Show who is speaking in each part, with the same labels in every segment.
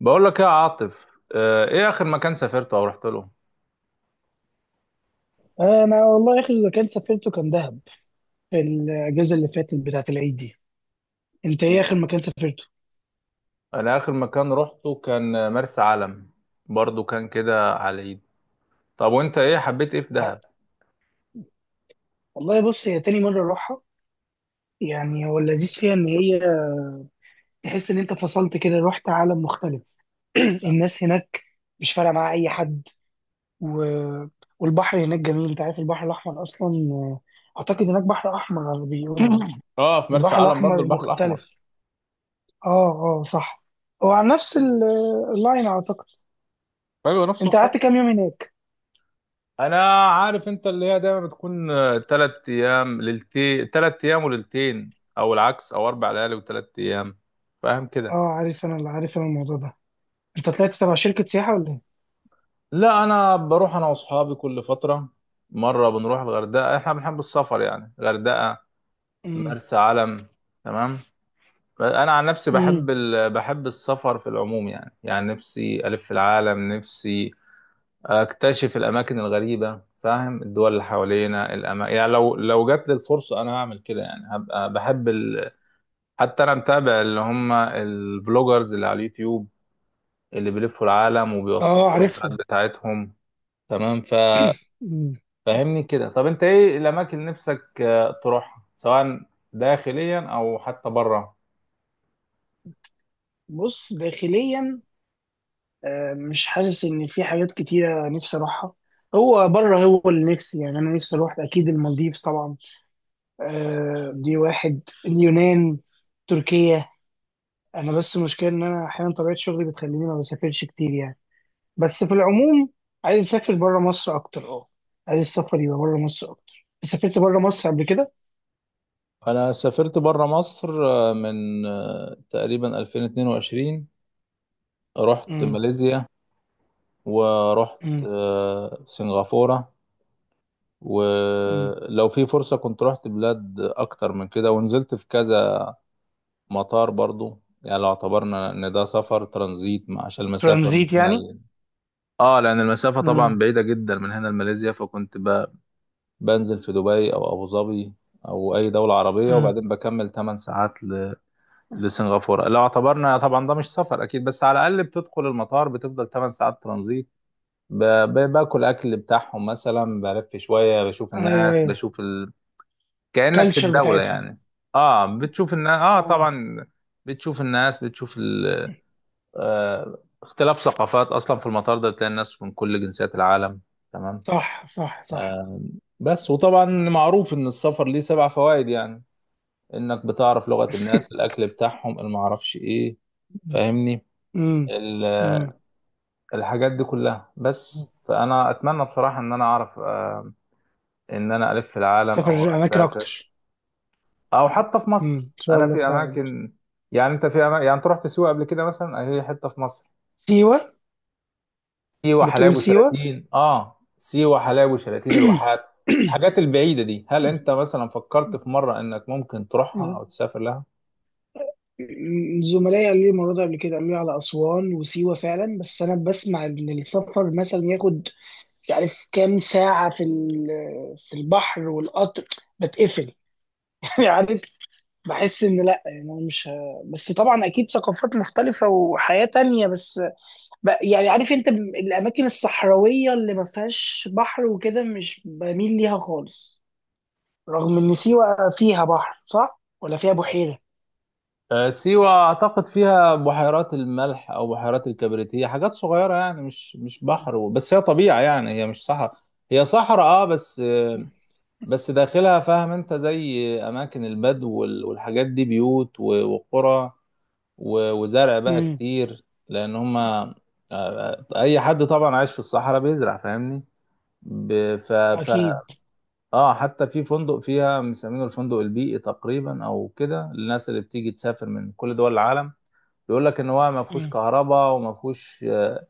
Speaker 1: بقول لك ايه يا عاطف؟ ايه اخر مكان سافرته او رحت له؟
Speaker 2: انا والله اخر مكان سافرته كان دهب في الاجازه اللي فاتت بتاعه العيد دي. انت ايه اخر مكان سافرته؟
Speaker 1: انا اخر مكان روحته كان مرسى علم، برضو كان كده على اليد. طب وانت ايه حبيت ايه في
Speaker 2: ع-
Speaker 1: دهب؟
Speaker 2: والله بص هي تاني مره اروحها. يعني هو اللذيذ فيها ان هي تحس ان انت فصلت كده رحت عالم مختلف. الناس هناك مش فارقه معاها اي حد. و... والبحر هناك جميل. انت عارف البحر الاحمر اصلا، اعتقد هناك بحر احمر على اللي بيقولوا يعني.
Speaker 1: اه، في مرسى
Speaker 2: البحر
Speaker 1: علم برضو
Speaker 2: الاحمر
Speaker 1: البحر
Speaker 2: مختلف.
Speaker 1: الاحمر.
Speaker 2: اه، اه صح. هو على نفس اللاين اعتقد.
Speaker 1: ايوه، نفس
Speaker 2: انت
Speaker 1: الخط.
Speaker 2: قعدت كام يوم هناك؟
Speaker 1: انا عارف انت اللي هي دايما بتكون 3 ايام ليلتين، 3 ايام وليلتين، او العكس، او 4 ليالي و3 ايام. فاهم كده؟
Speaker 2: اه عارف انا، اللي عارف انا الموضوع ده. انت طلعت تبع شركة سياحة ولا ايه؟
Speaker 1: لا، انا بروح انا واصحابي كل فتره، مره بنروح الغردقه، احنا بنحب السفر يعني. غردقه،
Speaker 2: امم.
Speaker 1: مرسى علم. تمام. انا عن نفسي
Speaker 2: امم.
Speaker 1: بحب السفر في العموم يعني. يعني نفسي الف العالم، نفسي اكتشف الاماكن الغريبه، فاهم؟ الدول اللي حوالينا يعني لو جات لي الفرصه انا هعمل كده. يعني هبقى حتى انا متابع اللي هم البلوجرز اللي على اليوتيوب، اللي بيلفوا العالم
Speaker 2: اه
Speaker 1: وبيوثقوا الرحلات
Speaker 2: عارفهم.
Speaker 1: بتاعتهم. تمام.
Speaker 2: مم.
Speaker 1: ففهمني كده، طب انت ايه الاماكن اللي نفسك تروحها، سواء داخليا او حتى بره؟
Speaker 2: بص داخليا، مش حاسس ان في حاجات كتيرة نفسي اروحها. هو بره هو اللي نفسي. يعني انا نفسي اروح اكيد المالديفز طبعا. دي واحد. اليونان. تركيا. انا بس المشكلة ان انا احيانا طبيعة شغلي بتخليني ما بسافرش كتير يعني. بس في العموم عايز اسافر بره مصر اكتر. اه عايز السفر يبقى بره مصر اكتر. سافرت بره مصر قبل كده.
Speaker 1: انا سافرت بره مصر من تقريبا 2022، رحت
Speaker 2: امم.
Speaker 1: ماليزيا، ورحت
Speaker 2: امم.
Speaker 1: سنغافورة.
Speaker 2: امم.
Speaker 1: ولو في فرصة كنت رحت بلاد اكتر من كده، ونزلت في كذا مطار برضو، يعني لو اعتبرنا ان ده سفر ترانزيت. عشان المسافة من
Speaker 2: ترانزيت
Speaker 1: هنا
Speaker 2: يعني.
Speaker 1: ل... اه، لان المسافة طبعا
Speaker 2: امم.
Speaker 1: بعيدة جدا من هنا لماليزيا، بنزل في دبي او ابو ظبي، او اي دولة عربية،
Speaker 2: امم.
Speaker 1: وبعدين بكمل 8 ساعات لسنغافورة. لو اعتبرنا طبعا ده مش سفر أكيد، بس على الأقل بتدخل المطار، بتفضل 8 ساعات ترانزيت، ب- باكل أكل بتاعهم مثلا، بلف شوية، بشوف
Speaker 2: ايوه،
Speaker 1: الناس،
Speaker 2: ايوه.
Speaker 1: بشوف ال... كأنك في
Speaker 2: كلتشر
Speaker 1: الدولة
Speaker 2: بتاعتهم.
Speaker 1: يعني. اه، بتشوف الناس، اه
Speaker 2: اه
Speaker 1: طبعا. بتشوف الناس، بتشوف ال... آه، اختلاف ثقافات. أصلا في المطار ده بتلاقي الناس من كل جنسيات العالم. تمام.
Speaker 2: صح، صح، صح.
Speaker 1: بس وطبعا معروف إن السفر ليه 7 فوائد يعني. إنك بتعرف لغة الناس، الأكل بتاعهم، المعرفش إيه، فاهمني؟
Speaker 2: امم. امم.
Speaker 1: الحاجات دي كلها. بس فانا اتمنى بصراحه ان انا اعرف ان انا الف في العالم
Speaker 2: سافر
Speaker 1: او
Speaker 2: اماكن
Speaker 1: اسافر،
Speaker 2: اكتر.
Speaker 1: او حتى في
Speaker 2: امم،
Speaker 1: مصر،
Speaker 2: ان شاء
Speaker 1: انا
Speaker 2: الله
Speaker 1: في
Speaker 2: تحقق ده.
Speaker 1: اماكن. يعني انت في أماكن، يعني انت رحت سيوه قبل كده مثلا، هي حته في مصر.
Speaker 2: سيوه.
Speaker 1: سيوه، حلايب
Speaker 2: بتقول سيوه.
Speaker 1: وشلاتين، اه سيوه، حلايب وشلاتين، الواحات. الحاجات البعيده دي، هل انت مثلا فكرت في مره انك ممكن تروحها او تسافر لها؟
Speaker 2: زملائي قالوا لي المره دي، قبل كده قالوا لي على اسوان وسيوه فعلا. بس انا بسمع ان السفر مثلا ياخد مش عارف كام ساعه في البحر والقطر بتقفل. يعني عارف. بحس ان لا. يعني انا مش بس طبعا اكيد ثقافات مختلفه وحياه تانية. بس يعني عارف انت، الاماكن الصحراويه اللي ما فيهاش بحر وكده مش بميل ليها خالص. رغم ان سيوه فيها بحر، صح ولا فيها بحيره؟
Speaker 1: سيوة أعتقد فيها بحيرات الملح أو بحيرات الكبريت، هي حاجات صغيرة يعني، مش بحر بس هي طبيعة يعني، هي مش صحراء. هي صحراء أه، بس داخلها فاهم أنت؟ زي أماكن البدو والحاجات دي، بيوت وقرى وزرع بقى
Speaker 2: امم.
Speaker 1: كتير. لأن هما أي حد طبعا عايش في الصحراء بيزرع، فاهمني؟ ب- ف ف
Speaker 2: اكيد.
Speaker 1: اه، حتى في فندق فيها مسمينه الفندق البيئي تقريبا او كده، للناس اللي بتيجي تسافر من كل دول العالم. بيقول لك ان هو ما فيهوش
Speaker 2: مم.
Speaker 1: كهرباء، وما فيهوش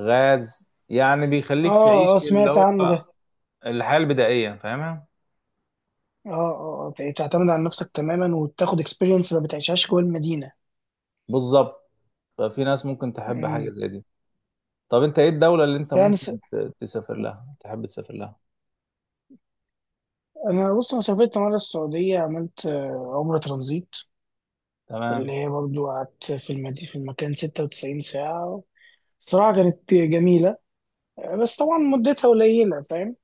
Speaker 1: غاز، يعني بيخليك
Speaker 2: اه،
Speaker 1: تعيش
Speaker 2: اه
Speaker 1: اللي
Speaker 2: سمعت
Speaker 1: هو
Speaker 2: عنه ده.
Speaker 1: الحياة البدائية، فاهمها؟
Speaker 2: اه، اه، تعتمد على نفسك تماما وتاخد اكسبيرينس ما بتعيشهاش جوه المدينه.
Speaker 1: بالظبط. ففي ناس ممكن تحب حاجة
Speaker 2: امم.
Speaker 1: زي دي. طب انت ايه الدولة اللي انت
Speaker 2: لا انا
Speaker 1: ممكن تسافر لها، تحب تسافر لها؟
Speaker 2: انا بص انا سافرت مره السعوديه. عملت عمره ترانزيت
Speaker 1: تمام.
Speaker 2: اللي هي برضو قعدت في المكان 96 ساعة. صراحة كانت جميلة. بس طبعا مدتها قليلة فاهم.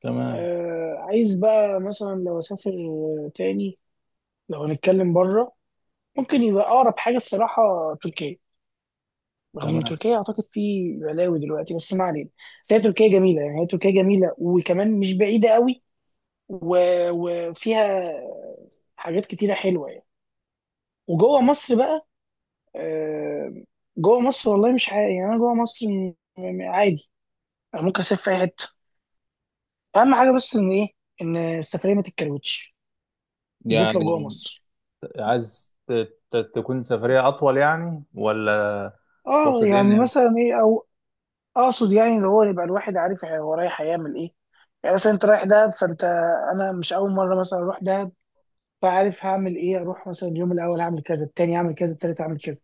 Speaker 1: تمام.
Speaker 2: عايز بقى مثلا لو أسافر تاني، لو هنتكلم بره، ممكن يبقى أقرب حاجة الصراحة تركيا. رغم إن
Speaker 1: تمام.
Speaker 2: تركيا أعتقد في بلاوي دلوقتي بس ما علينا. بس هي تركيا جميلة. يعني هي تركيا جميلة وكمان مش بعيدة قوي و... وفيها حاجات كتيرة حلوة يعني. وجوه مصر بقى، آه، جوه مصر والله مش عادي. يعني انا جوه مصر عادي. أنا ممكن اسافر في اي حته. اهم حاجه بس ان ايه؟ ان السفريه ما تتكروتش، بالذات لو جوه
Speaker 1: يعني
Speaker 2: مصر.
Speaker 1: عايز تكون سفرية اطول يعني ولا؟
Speaker 2: اه
Speaker 1: تقصد ايه
Speaker 2: يعني
Speaker 1: إن-؟
Speaker 2: مثلا ايه، او اقصد يعني اللي هو يبقى الواحد عارف هو رايح هيعمل ايه. يعني مثلا انت رايح دهب فانت، انا مش اول مره مثلا اروح دهب فعارف هعمل ايه. اروح مثلا اليوم الاول هعمل كذا، التاني هعمل كذا، التالت هعمل كذا.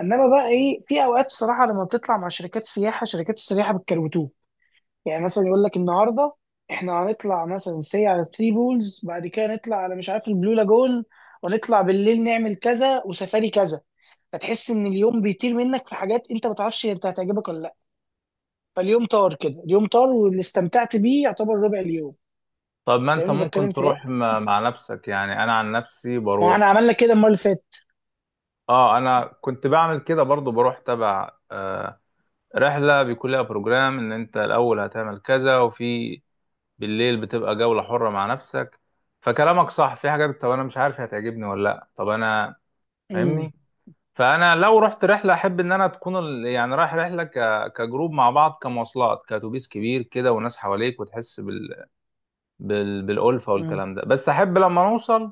Speaker 2: انما بقى ايه، في اوقات صراحه لما بتطلع مع شركات سياحه شركات السياحه بتكروتوك. يعني مثلا يقول لك النهارده احنا هنطلع مثلا سي على ثري بولز، بعد كده نطلع على مش عارف البلو لاجون، ونطلع بالليل نعمل كذا وسفاري كذا. فتحس ان اليوم بيطير منك، في حاجات انت ما تعرفش انت هتعجبك ولا لا. فاليوم طار كده، اليوم طار، واللي استمتعت بيه يعتبر ربع اليوم.
Speaker 1: طب ما انت
Speaker 2: فاهمني
Speaker 1: ممكن
Speaker 2: بتكلم في ايه؟
Speaker 1: تروح مع نفسك، يعني انا عن نفسي
Speaker 2: ما هو
Speaker 1: بروح.
Speaker 2: احنا عملنا كده المره اللي فاتت.
Speaker 1: اه انا كنت بعمل كده برضو، بروح تبع رحلة بيكون لها بروجرام، إن أنت الأول هتعمل كذا، وفي بالليل بتبقى جولة حرة مع نفسك. فكلامك صح، في حاجات طب أنا مش عارف هي هتعجبني ولا لأ، طب أنا
Speaker 2: امم.
Speaker 1: فاهمني؟ فأنا لو رحت رحلة، أحب إن أنا تكون ال... يعني رايح رحلة كجروب مع بعض، كمواصلات، كأتوبيس كبير كده، وناس حواليك، وتحس بالألفة
Speaker 2: امم.
Speaker 1: والكلام ده. بس أحب لما نوصل،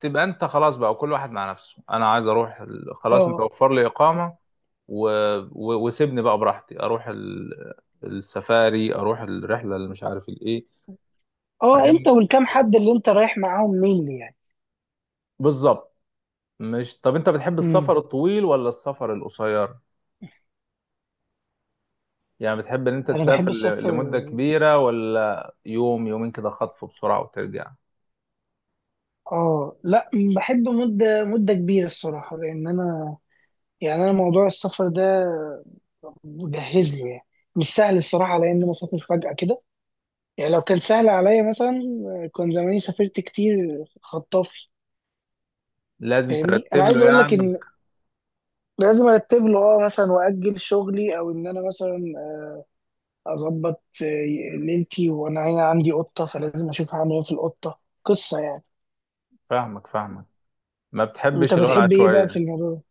Speaker 1: تبقى انت خلاص بقى كل واحد مع نفسه. انا عايز اروح ال... خلاص، انت
Speaker 2: اه،
Speaker 1: وفر لي اقامه و... وسيبني بقى براحتي اروح ال... السفاري، اروح الرحله اللي مش عارف الايه.
Speaker 2: اه. انت
Speaker 1: فاهم
Speaker 2: والكام
Speaker 1: كده.
Speaker 2: حد اللي انت رايح معاهم مين يعني؟
Speaker 1: بالظبط. مش طب انت بتحب
Speaker 2: امم.
Speaker 1: السفر الطويل ولا السفر القصير؟ يعني بتحب ان انت
Speaker 2: انا بحب
Speaker 1: تسافر ل...
Speaker 2: السفر.
Speaker 1: لمده كبيره، ولا يوم يومين كده خطف بسرعه وترجع؟
Speaker 2: اه، لا بحب مده مده كبيره الصراحه. لان انا يعني انا موضوع السفر ده مجهز له يعني. مش سهل الصراحه على ان انا اسافر فجاه كده. يعني لو كان سهل عليا مثلا كان زماني سافرت كتير خطافي.
Speaker 1: لازم
Speaker 2: فاهمني، انا
Speaker 1: ترتب له
Speaker 2: عايز اقول لك
Speaker 1: يعني.
Speaker 2: ان لازم ارتب له. اه مثلا واجل شغلي او ان انا مثلا اظبط ليلتي، وانا هنا عندي قطه فلازم اشوف هعمل ايه في القطه، قصه يعني.
Speaker 1: فاهمك فاهمك، ما
Speaker 2: انت
Speaker 1: بتحبش اللي هو
Speaker 2: بتحب ايه بقى في
Speaker 1: العشوائيه.
Speaker 2: الموضوع ده؟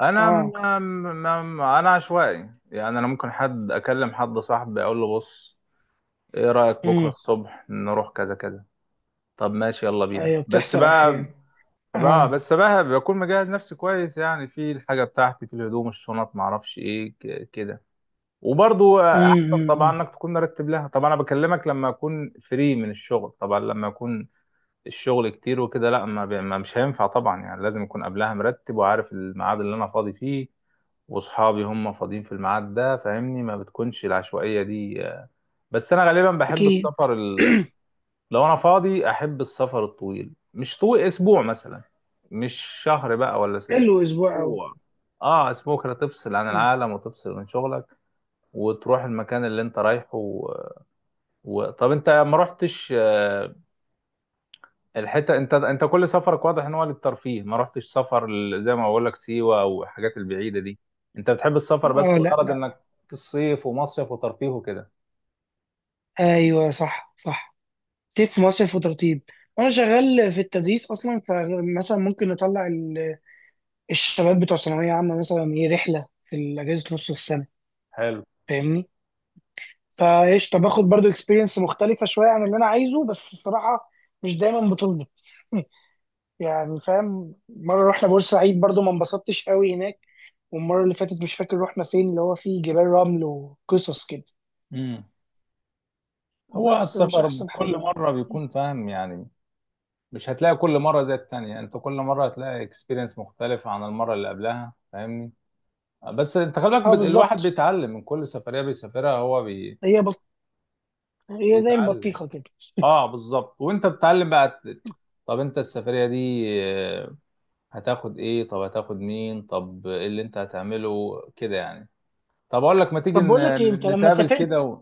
Speaker 1: انا
Speaker 2: اه.
Speaker 1: انا عشوائي يعني. انا ممكن حد اكلم، حد صاحبي اقول له بص، ايه رايك بكره
Speaker 2: امم.
Speaker 1: الصبح نروح كذا كذا؟ طب ماشي، يلا بينا.
Speaker 2: ايوه
Speaker 1: بس
Speaker 2: بتحصل
Speaker 1: بقى
Speaker 2: احيانا.
Speaker 1: بقى
Speaker 2: اه.
Speaker 1: بس بقى بكون مجهز نفسي كويس يعني، في الحاجه بتاعتي، في الهدوم، الشنط، ما اعرفش ايه، كده. وبرضو
Speaker 2: امم.
Speaker 1: احسن
Speaker 2: أمم،
Speaker 1: طبعا
Speaker 2: أمم.
Speaker 1: انك تكون مرتب لها طبعا. انا بكلمك لما اكون فري من الشغل طبعا، لما اكون الشغل كتير وكده، لا، ما بي- ما مش هينفع طبعا. يعني لازم اكون قبلها مرتب، وعارف الميعاد اللي انا فاضي فيه، واصحابي هم فاضيين في الميعاد ده، فاهمني؟ ما بتكونش العشوائيه دي آه. بس انا غالبا بحب
Speaker 2: اكيد.
Speaker 1: السفر ال... لو انا فاضي، احب السفر الطويل، مش طويل اسبوع مثلا، مش شهر بقى ولا س...
Speaker 2: حلو اسبوع أوي.
Speaker 1: اسبوع، اه اسبوع كده، تفصل عن
Speaker 2: مم.
Speaker 1: العالم، وتفصل من شغلك، وتروح المكان اللي انت رايحه و... و... طب انت ما رحتش الحته، انت انت كل سفرك واضح ان هو للترفيه، ما رحتش سفر زي ما بقول لك سيوه، او الحاجات البعيده دي. انت بتحب السفر بس
Speaker 2: اه، لا،
Speaker 1: الغرض
Speaker 2: لا.
Speaker 1: انك الصيف، ومصيف وترفيه وكده.
Speaker 2: ايوه صح، صح. تف مصرف وترطيب. وانا شغال في التدريس اصلا فمثلا ممكن نطلع الشباب بتوع ثانويه عامه مثلا، ايه رحله في اجازه نص السنه.
Speaker 1: حلو.
Speaker 2: فاهمني؟ فايش طب اخد برضو اكسبيرينس مختلفه شويه عن اللي انا عايزه، بس الصراحه مش دايما بتظبط. يعني فاهم، مره رحنا بورسعيد برضو ما انبسطتش قوي هناك. والمره اللي فاتت مش فاكر رحنا فين، اللي هو فيه جبال رمل وقصص كده،
Speaker 1: امم، هو
Speaker 2: بس مش
Speaker 1: السفر
Speaker 2: احسن حاجه
Speaker 1: كل
Speaker 2: يعني.
Speaker 1: مره بيكون فاهم يعني، مش هتلاقي كل مره زي التانية، انت كل مره هتلاقي اكسبيرينس مختلف عن المره اللي قبلها، فاهمني؟ بس انت خلي بالك
Speaker 2: اه
Speaker 1: الواحد
Speaker 2: بالظبط.
Speaker 1: بيتعلم من كل سفريه بيسافرها، هو بي...
Speaker 2: هي هي زي
Speaker 1: بيتعلم.
Speaker 2: البطيخة كده.
Speaker 1: اه بالظبط. وانت بتتعلم بقى طب انت السفريه دي هتاخد ايه؟ طب هتاخد مين؟ طب ايه اللي انت هتعمله كده يعني؟ طب اقول لك، ما تيجي
Speaker 2: طب بقول لك ايه انت لما
Speaker 1: نتقابل كده
Speaker 2: سافرت؟
Speaker 1: و...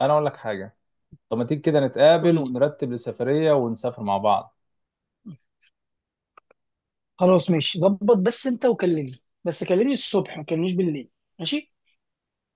Speaker 1: انا اقول لك حاجة، طب ما تيجي كده
Speaker 2: قول
Speaker 1: نتقابل
Speaker 2: لي.
Speaker 1: ونرتب لسفرية ونسافر مع بعض.
Speaker 2: خلاص ماشي ظبط، بس انت وكلمني، بس كلمني الصبح ما تكلمنيش بالليل. ماشي.